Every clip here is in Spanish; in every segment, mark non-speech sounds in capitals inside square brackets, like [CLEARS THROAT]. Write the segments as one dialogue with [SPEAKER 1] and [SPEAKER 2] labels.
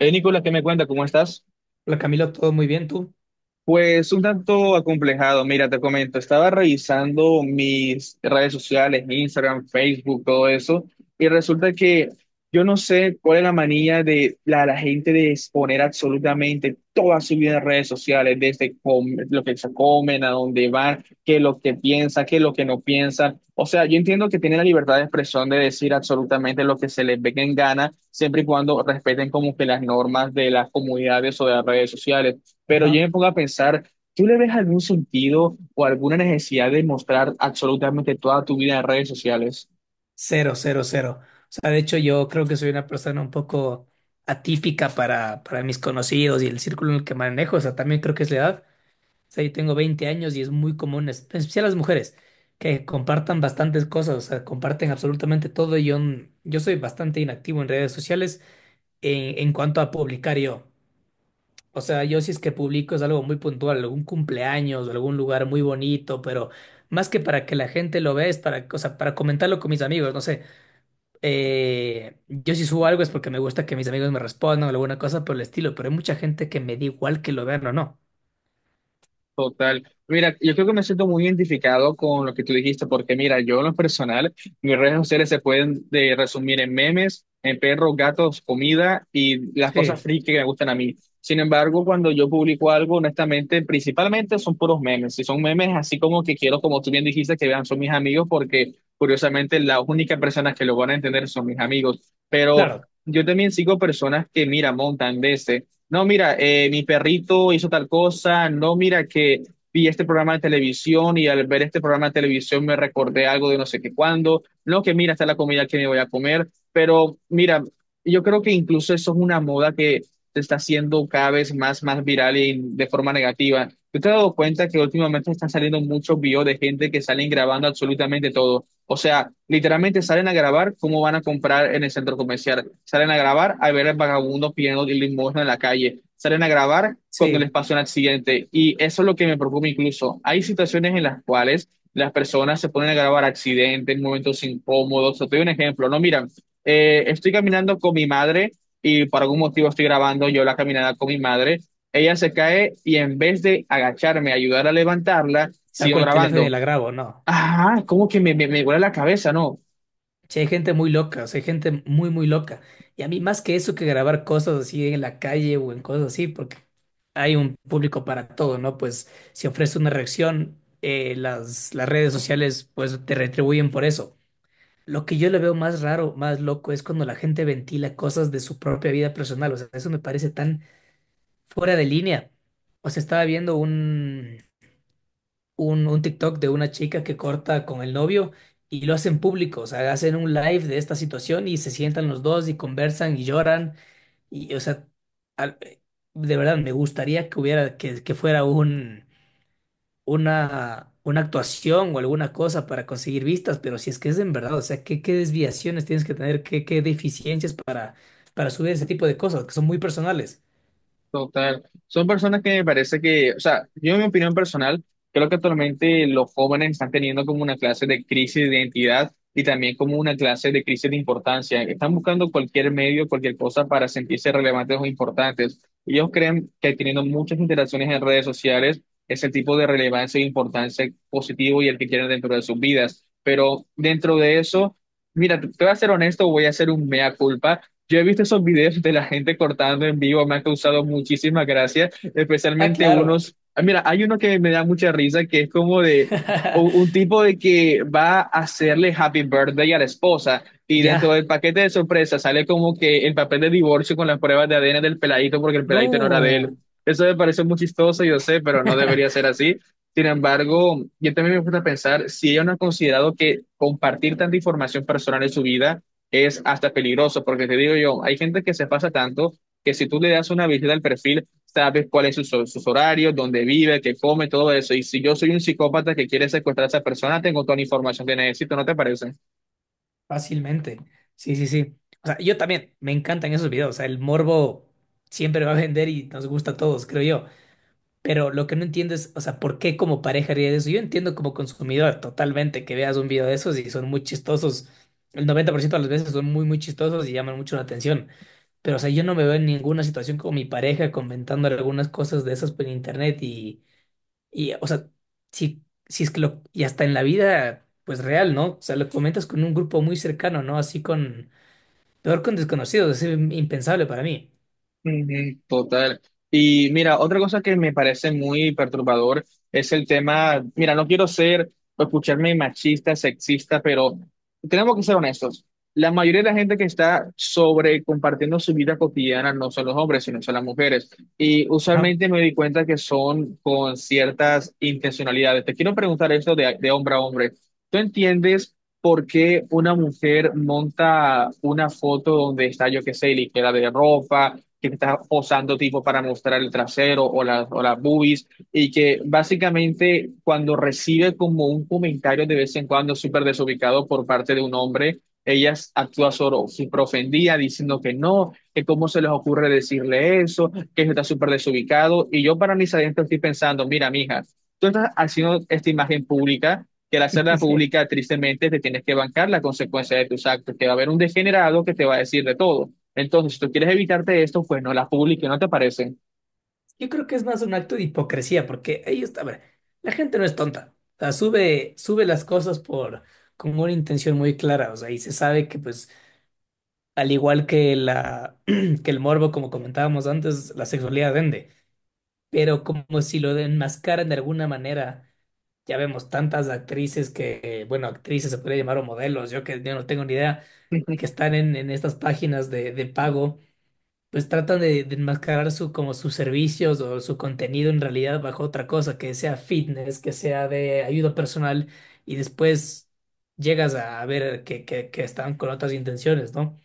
[SPEAKER 1] Nicolás, ¿qué me cuenta? ¿Cómo estás?
[SPEAKER 2] Hola Camilo, todo muy bien, ¿tú?
[SPEAKER 1] Pues un tanto acomplejado, mira, te comento, estaba revisando mis redes sociales, Instagram, Facebook, todo eso, y resulta que yo no sé cuál es la manía de la gente de exponer absolutamente toda su vida en redes sociales, desde lo que se comen, a dónde van, qué es lo que piensan, qué es lo que no piensan. O sea, yo entiendo que tienen la libertad de expresión de decir absolutamente lo que se les venga en gana, siempre y cuando respeten como que las normas de las comunidades o de las redes sociales, pero yo
[SPEAKER 2] Ajá.
[SPEAKER 1] me pongo a pensar, ¿tú le ves algún sentido o alguna necesidad de mostrar absolutamente toda tu vida en redes sociales?
[SPEAKER 2] Cero, cero, cero. O sea, de hecho yo creo que soy una persona un poco atípica para mis conocidos y el círculo en el que manejo. O sea, también creo que es la edad. O sea, yo tengo 20 años y es muy común, en especial las mujeres, que compartan bastantes cosas, o sea, comparten absolutamente todo. Y yo soy bastante inactivo en redes sociales en cuanto a publicar yo. O sea, yo si es que publico es algo muy puntual, algún cumpleaños, algún lugar muy bonito, pero más que para que la gente lo vea, es para, o sea, para comentarlo con mis amigos, no sé. Yo si subo algo es porque me gusta que mis amigos me respondan o alguna cosa por el estilo, pero hay mucha gente que me da igual que lo vean o no.
[SPEAKER 1] Total. Mira, yo creo que me siento muy identificado con lo que tú dijiste, porque mira, yo en lo personal, mis redes sociales se pueden resumir en memes, en perros, gatos, comida y las cosas
[SPEAKER 2] Sí,
[SPEAKER 1] friki que me gustan a mí. Sin embargo, cuando yo publico algo, honestamente, principalmente son puros memes. Si son memes así como que quiero, como tú bien dijiste, que vean, son mis amigos, porque curiosamente las únicas personas que lo van a entender son mis amigos. Pero
[SPEAKER 2] claro.
[SPEAKER 1] yo también sigo personas que, mira, montan veces. No, mira, mi perrito hizo tal cosa. No, mira que vi este programa de televisión y al ver este programa de televisión me recordé algo de no sé qué cuándo. No, que mira, está la comida que me voy a comer. Pero mira, yo creo que incluso eso es una moda que se está haciendo cada vez más viral y de forma negativa. Yo te has dado cuenta que últimamente están saliendo muchos videos de gente que salen grabando absolutamente todo. O sea, literalmente salen a grabar cómo van a comprar en el centro comercial. Salen a grabar a ver al vagabundo pidiendo limosna en la calle. Salen a grabar cuando
[SPEAKER 2] Sí,
[SPEAKER 1] les pasa un accidente. Y eso es lo que me preocupa incluso. Hay situaciones en las cuales las personas se ponen a grabar accidentes, momentos incómodos. Te doy un ejemplo. No, mira, estoy caminando con mi madre y por algún motivo estoy grabando yo la caminada con mi madre. Ella se cae y en vez de agacharme, ayudar a levantarla, sigo
[SPEAKER 2] saco el teléfono y
[SPEAKER 1] grabando.
[SPEAKER 2] la grabo, no.
[SPEAKER 1] Ajá, como que me huele la cabeza, ¿no?
[SPEAKER 2] Sí, hay gente muy loca, o sea, hay gente muy, muy loca. Y a mí más que eso que grabar cosas así en la calle o en cosas así, porque hay un público para todo, ¿no? Pues si ofrece una reacción, las redes sociales pues te retribuyen por eso. Lo que yo le veo más raro, más loco, es cuando la gente ventila cosas de su propia vida personal. O sea, eso me parece tan fuera de línea. O sea, estaba viendo un TikTok de una chica que corta con el novio y lo hacen público, o sea, hacen un live de esta situación y se sientan los dos y conversan y lloran y, o sea, al- eh, de verdad me gustaría que hubiera, que fuera una actuación o alguna cosa para conseguir vistas, pero si es que es en verdad, o sea, ¿qué desviaciones tienes que tener, qué deficiencias para subir ese tipo de cosas que son muy personales?
[SPEAKER 1] Total. Son personas que me parece que, o sea, yo en mi opinión personal, creo que actualmente los jóvenes están teniendo como una clase de crisis de identidad y también como una clase de crisis de importancia. Están buscando cualquier medio, cualquier cosa para sentirse relevantes o importantes. Ellos creen que teniendo muchas interacciones en redes sociales, ese tipo de relevancia e importancia positivo y el que quieren dentro de sus vidas. Pero dentro de eso... Mira, te voy a ser honesto, voy a hacer un mea culpa. Yo he visto esos videos de la gente cortando en vivo, me ha causado muchísima gracia,
[SPEAKER 2] Ah,
[SPEAKER 1] especialmente
[SPEAKER 2] claro.
[SPEAKER 1] unos, ah, mira, hay uno que me da mucha risa, que es como de
[SPEAKER 2] [LAUGHS]
[SPEAKER 1] tipo de que va a hacerle happy birthday a la esposa y dentro
[SPEAKER 2] Ya.
[SPEAKER 1] del paquete de sorpresa sale como que el papel de divorcio con las pruebas de ADN del peladito porque el peladito no era de él.
[SPEAKER 2] No.
[SPEAKER 1] Eso me parece muy chistoso, yo sé, pero no debería
[SPEAKER 2] [LAUGHS]
[SPEAKER 1] ser así. Sin embargo, yo también me gusta pensar si ellos no ha considerado que compartir tanta información personal en su vida es hasta peligroso, porque te digo yo, hay gente que se pasa tanto que si tú le das una visita al perfil, sabes cuáles son sus horarios, dónde vive, qué come, todo eso. Y si yo soy un psicópata que quiere secuestrar a esa persona, tengo toda la información que necesito, ¿no te parece?
[SPEAKER 2] Fácilmente. Sí, sí, sí. O sea, yo también me encantan esos videos. O sea, el morbo siempre va a vender y nos gusta a todos, creo yo. Pero lo que no entiendo es, o sea, ¿por qué como pareja haría eso? Yo entiendo como consumidor totalmente que veas un video de esos y son muy chistosos. El 90% de las veces son muy, muy chistosos y llaman mucho la atención. Pero, o sea, yo no me veo en ninguna situación con mi pareja comentando algunas cosas de esas por internet y, o sea, si es que lo, y hasta en la vida, pues real, ¿no? O sea, lo comentas con un grupo muy cercano, ¿no? Así con, peor con desconocidos, es impensable para mí.
[SPEAKER 1] Ujú, total. Y mira, otra cosa que me parece muy perturbador es el tema, mira, no quiero ser o escucharme machista, sexista, pero tenemos que ser honestos. La mayoría de la gente que está sobre compartiendo su vida cotidiana no son los hombres, sino son las mujeres. Y
[SPEAKER 2] Ajá.
[SPEAKER 1] usualmente me di cuenta que son con ciertas intencionalidades. Te quiero preguntar esto de hombre a hombre. ¿Tú entiendes por qué una mujer monta una foto donde está, yo qué sé, ligera de ropa? Que está posando tipo para mostrar el trasero o las boobies y que básicamente cuando recibe como un comentario de vez en cuando súper desubicado por parte de un hombre, ella actúa solo súper ofendida diciendo que no, que cómo se les ocurre decirle eso, que eso está súper desubicado y yo para mis adentros estoy pensando, mira, mija, tú estás haciendo esta imagen pública que al hacerla pública,
[SPEAKER 2] [LAUGHS]
[SPEAKER 1] tristemente, te tienes que bancar la consecuencia de tus actos, que va a haber un degenerado que te va a decir de todo. Entonces, si tú quieres evitarte esto, pues no las publiques, ¿no te parece?
[SPEAKER 2] Yo creo que es más un acto de hipocresía, porque ahí está, a ver, la gente no es tonta. O sea, sube, sube las cosas por, con una intención muy clara, o sea, y se sabe que, pues, al igual que [CLEARS THROAT] que el morbo, como comentábamos antes, la sexualidad vende, pero como si lo enmascaran de alguna manera. Ya vemos tantas actrices que, bueno, actrices se podría llamar o modelos, yo que yo no tengo ni idea, que
[SPEAKER 1] [LAUGHS]
[SPEAKER 2] están en estas páginas de pago, pues tratan de enmascarar su, como sus servicios o su contenido en realidad bajo otra cosa, que sea fitness, que sea de ayuda personal, y después llegas a ver que están con otras intenciones, ¿no?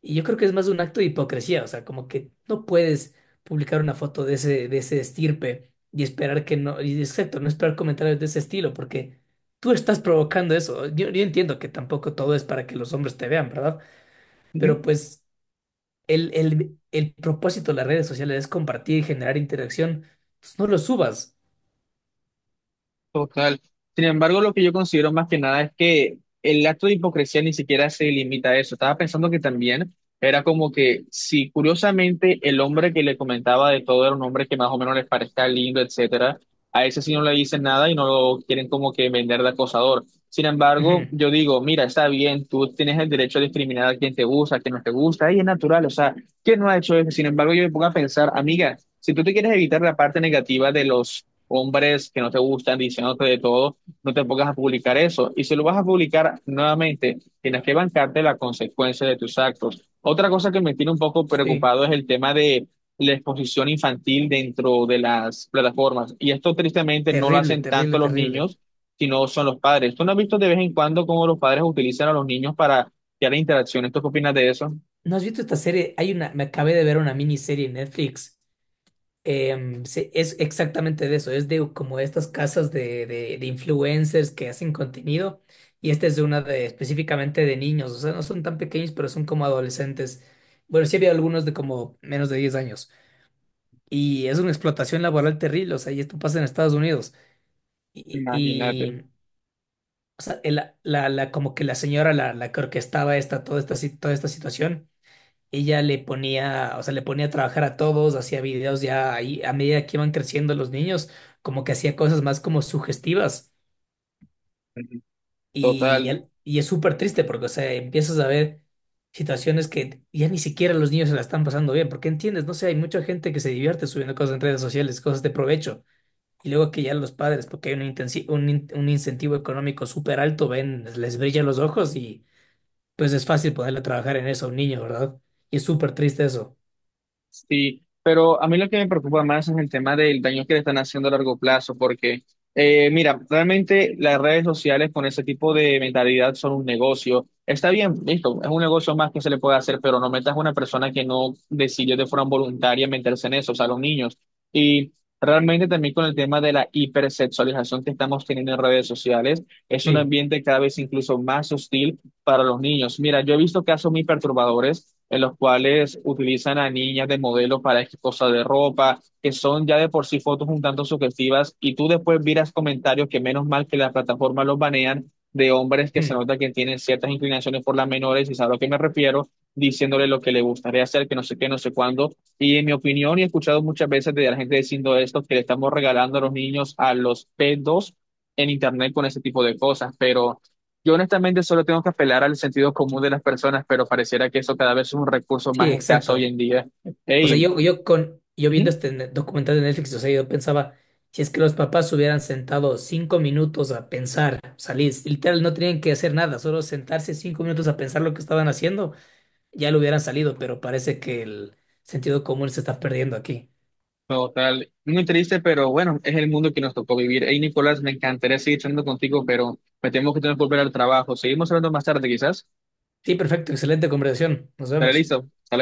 [SPEAKER 2] Y yo creo que es más un acto de hipocresía, o sea, como que no puedes publicar una foto de ese, estirpe y esperar que no, y exacto, no esperar comentarios de ese estilo, porque tú estás provocando eso. Yo entiendo que tampoco todo es para que los hombres te vean, ¿verdad? Pero pues el propósito de las redes sociales es compartir y generar interacción, pues no lo subas.
[SPEAKER 1] Total. Sin embargo, lo que yo considero más que nada es que el acto de hipocresía ni siquiera se limita a eso. Estaba pensando que también era como que si curiosamente el hombre que le comentaba de todo era un hombre que más o menos les parezca lindo, etcétera, a ese sí no le dicen nada y no lo quieren como que vender de acosador. Sin embargo,
[SPEAKER 2] Ujú.
[SPEAKER 1] yo digo, mira, está bien, tú tienes el derecho a discriminar a quien te gusta, a quien no te gusta, y es natural, o sea, ¿quién no ha hecho eso? Sin embargo, yo me pongo a pensar, amiga, si tú te quieres evitar la parte negativa de los hombres que no te gustan diciéndote de todo, no te pongas a publicar eso. Y si lo vas a publicar nuevamente, tienes que bancarte la consecuencia de tus actos. Otra cosa que me tiene un poco
[SPEAKER 2] Sí,
[SPEAKER 1] preocupado es el tema de la exposición infantil dentro de las plataformas. Y esto tristemente no lo
[SPEAKER 2] terrible,
[SPEAKER 1] hacen
[SPEAKER 2] terrible,
[SPEAKER 1] tanto los
[SPEAKER 2] terrible.
[SPEAKER 1] niños, sino son los padres. ¿Tú no has visto de vez en cuando cómo los padres utilizan a los niños para crear interacciones? ¿Tú qué opinas de eso?
[SPEAKER 2] ¿No has visto esta serie? Hay una, me acabé de ver una miniserie en Netflix. Sí, es exactamente de eso, es de como estas casas de influencers que hacen contenido y esta es de una de específicamente de niños, o sea, no son tan pequeños, pero son como adolescentes. Bueno, sí había algunos de como menos de 10 años y es una explotación laboral terrible, o sea, y esto pasa en Estados Unidos. Y,
[SPEAKER 1] Imagínate.
[SPEAKER 2] y o sea, la, como que la señora, la que orquestaba esta, toda esta, si- toda esta situación, ella le ponía, o sea, le ponía a trabajar a todos, hacía videos ya ahí, a medida que iban creciendo los niños, como que hacía cosas más como sugestivas. Y,
[SPEAKER 1] Total.
[SPEAKER 2] él- y es súper triste porque, o sea, empiezas a ver situaciones que ya ni siquiera los niños se la están pasando bien, porque entiendes, no sé, hay mucha gente que se divierte subiendo cosas en redes sociales, cosas de provecho. Y luego que ya los padres, porque hay un, intensi- un, in- un incentivo económico súper alto, ven, les brilla los ojos y pues es fácil ponerle a trabajar en eso a un niño, ¿verdad? Y es súper triste eso.
[SPEAKER 1] Sí, pero a mí lo que me preocupa más es el tema del daño que le están haciendo a largo plazo, porque, mira, realmente las redes sociales con ese tipo de mentalidad son un negocio. Está bien, listo, es un negocio más que se le puede hacer, pero no metas a una persona que no decidió de forma voluntaria meterse en eso, o sea, los niños. Y realmente también con el tema de la hipersexualización que estamos teniendo en redes sociales, es un ambiente cada vez incluso más hostil para los niños. Mira, yo he visto casos muy perturbadores en los cuales utilizan a niñas de modelo para X cosas de ropa, que son ya de por sí fotos un tanto sugestivas, y tú después miras comentarios que menos mal que las plataformas los banean de hombres que se
[SPEAKER 2] Sí.
[SPEAKER 1] nota que tienen ciertas inclinaciones por las menores, y sabes a lo que me refiero, diciéndole lo que le gustaría hacer, que no sé qué, no sé cuándo. Y en mi opinión, y he escuchado muchas veces de la gente diciendo esto, que le estamos regalando a los niños a los pedos en internet con ese tipo de cosas, pero yo honestamente solo tengo que apelar al sentido común de las personas, pero pareciera que eso cada vez es un recurso
[SPEAKER 2] Sí,
[SPEAKER 1] más escaso hoy
[SPEAKER 2] exacto.
[SPEAKER 1] en día.
[SPEAKER 2] O sea,
[SPEAKER 1] Hey,
[SPEAKER 2] yo con yo viendo
[SPEAKER 1] ujú,
[SPEAKER 2] este documental de Netflix, o sea, yo pensaba, si es que los papás se hubieran sentado 5 minutos a pensar, o sea, literal, no tenían que hacer nada, solo sentarse 5 minutos a pensar lo que estaban haciendo, ya lo hubieran salido, pero parece que el sentido común se está perdiendo aquí.
[SPEAKER 1] total, muy triste, pero bueno, es el mundo que nos tocó vivir. Hey, Nicolás, me encantaría seguir charlando contigo, pero me temo que tengo que volver al trabajo. Seguimos hablando más tarde, quizás.
[SPEAKER 2] Sí, perfecto, excelente conversación. Nos
[SPEAKER 1] Dale,
[SPEAKER 2] vemos.
[SPEAKER 1] listo. Hasta luego.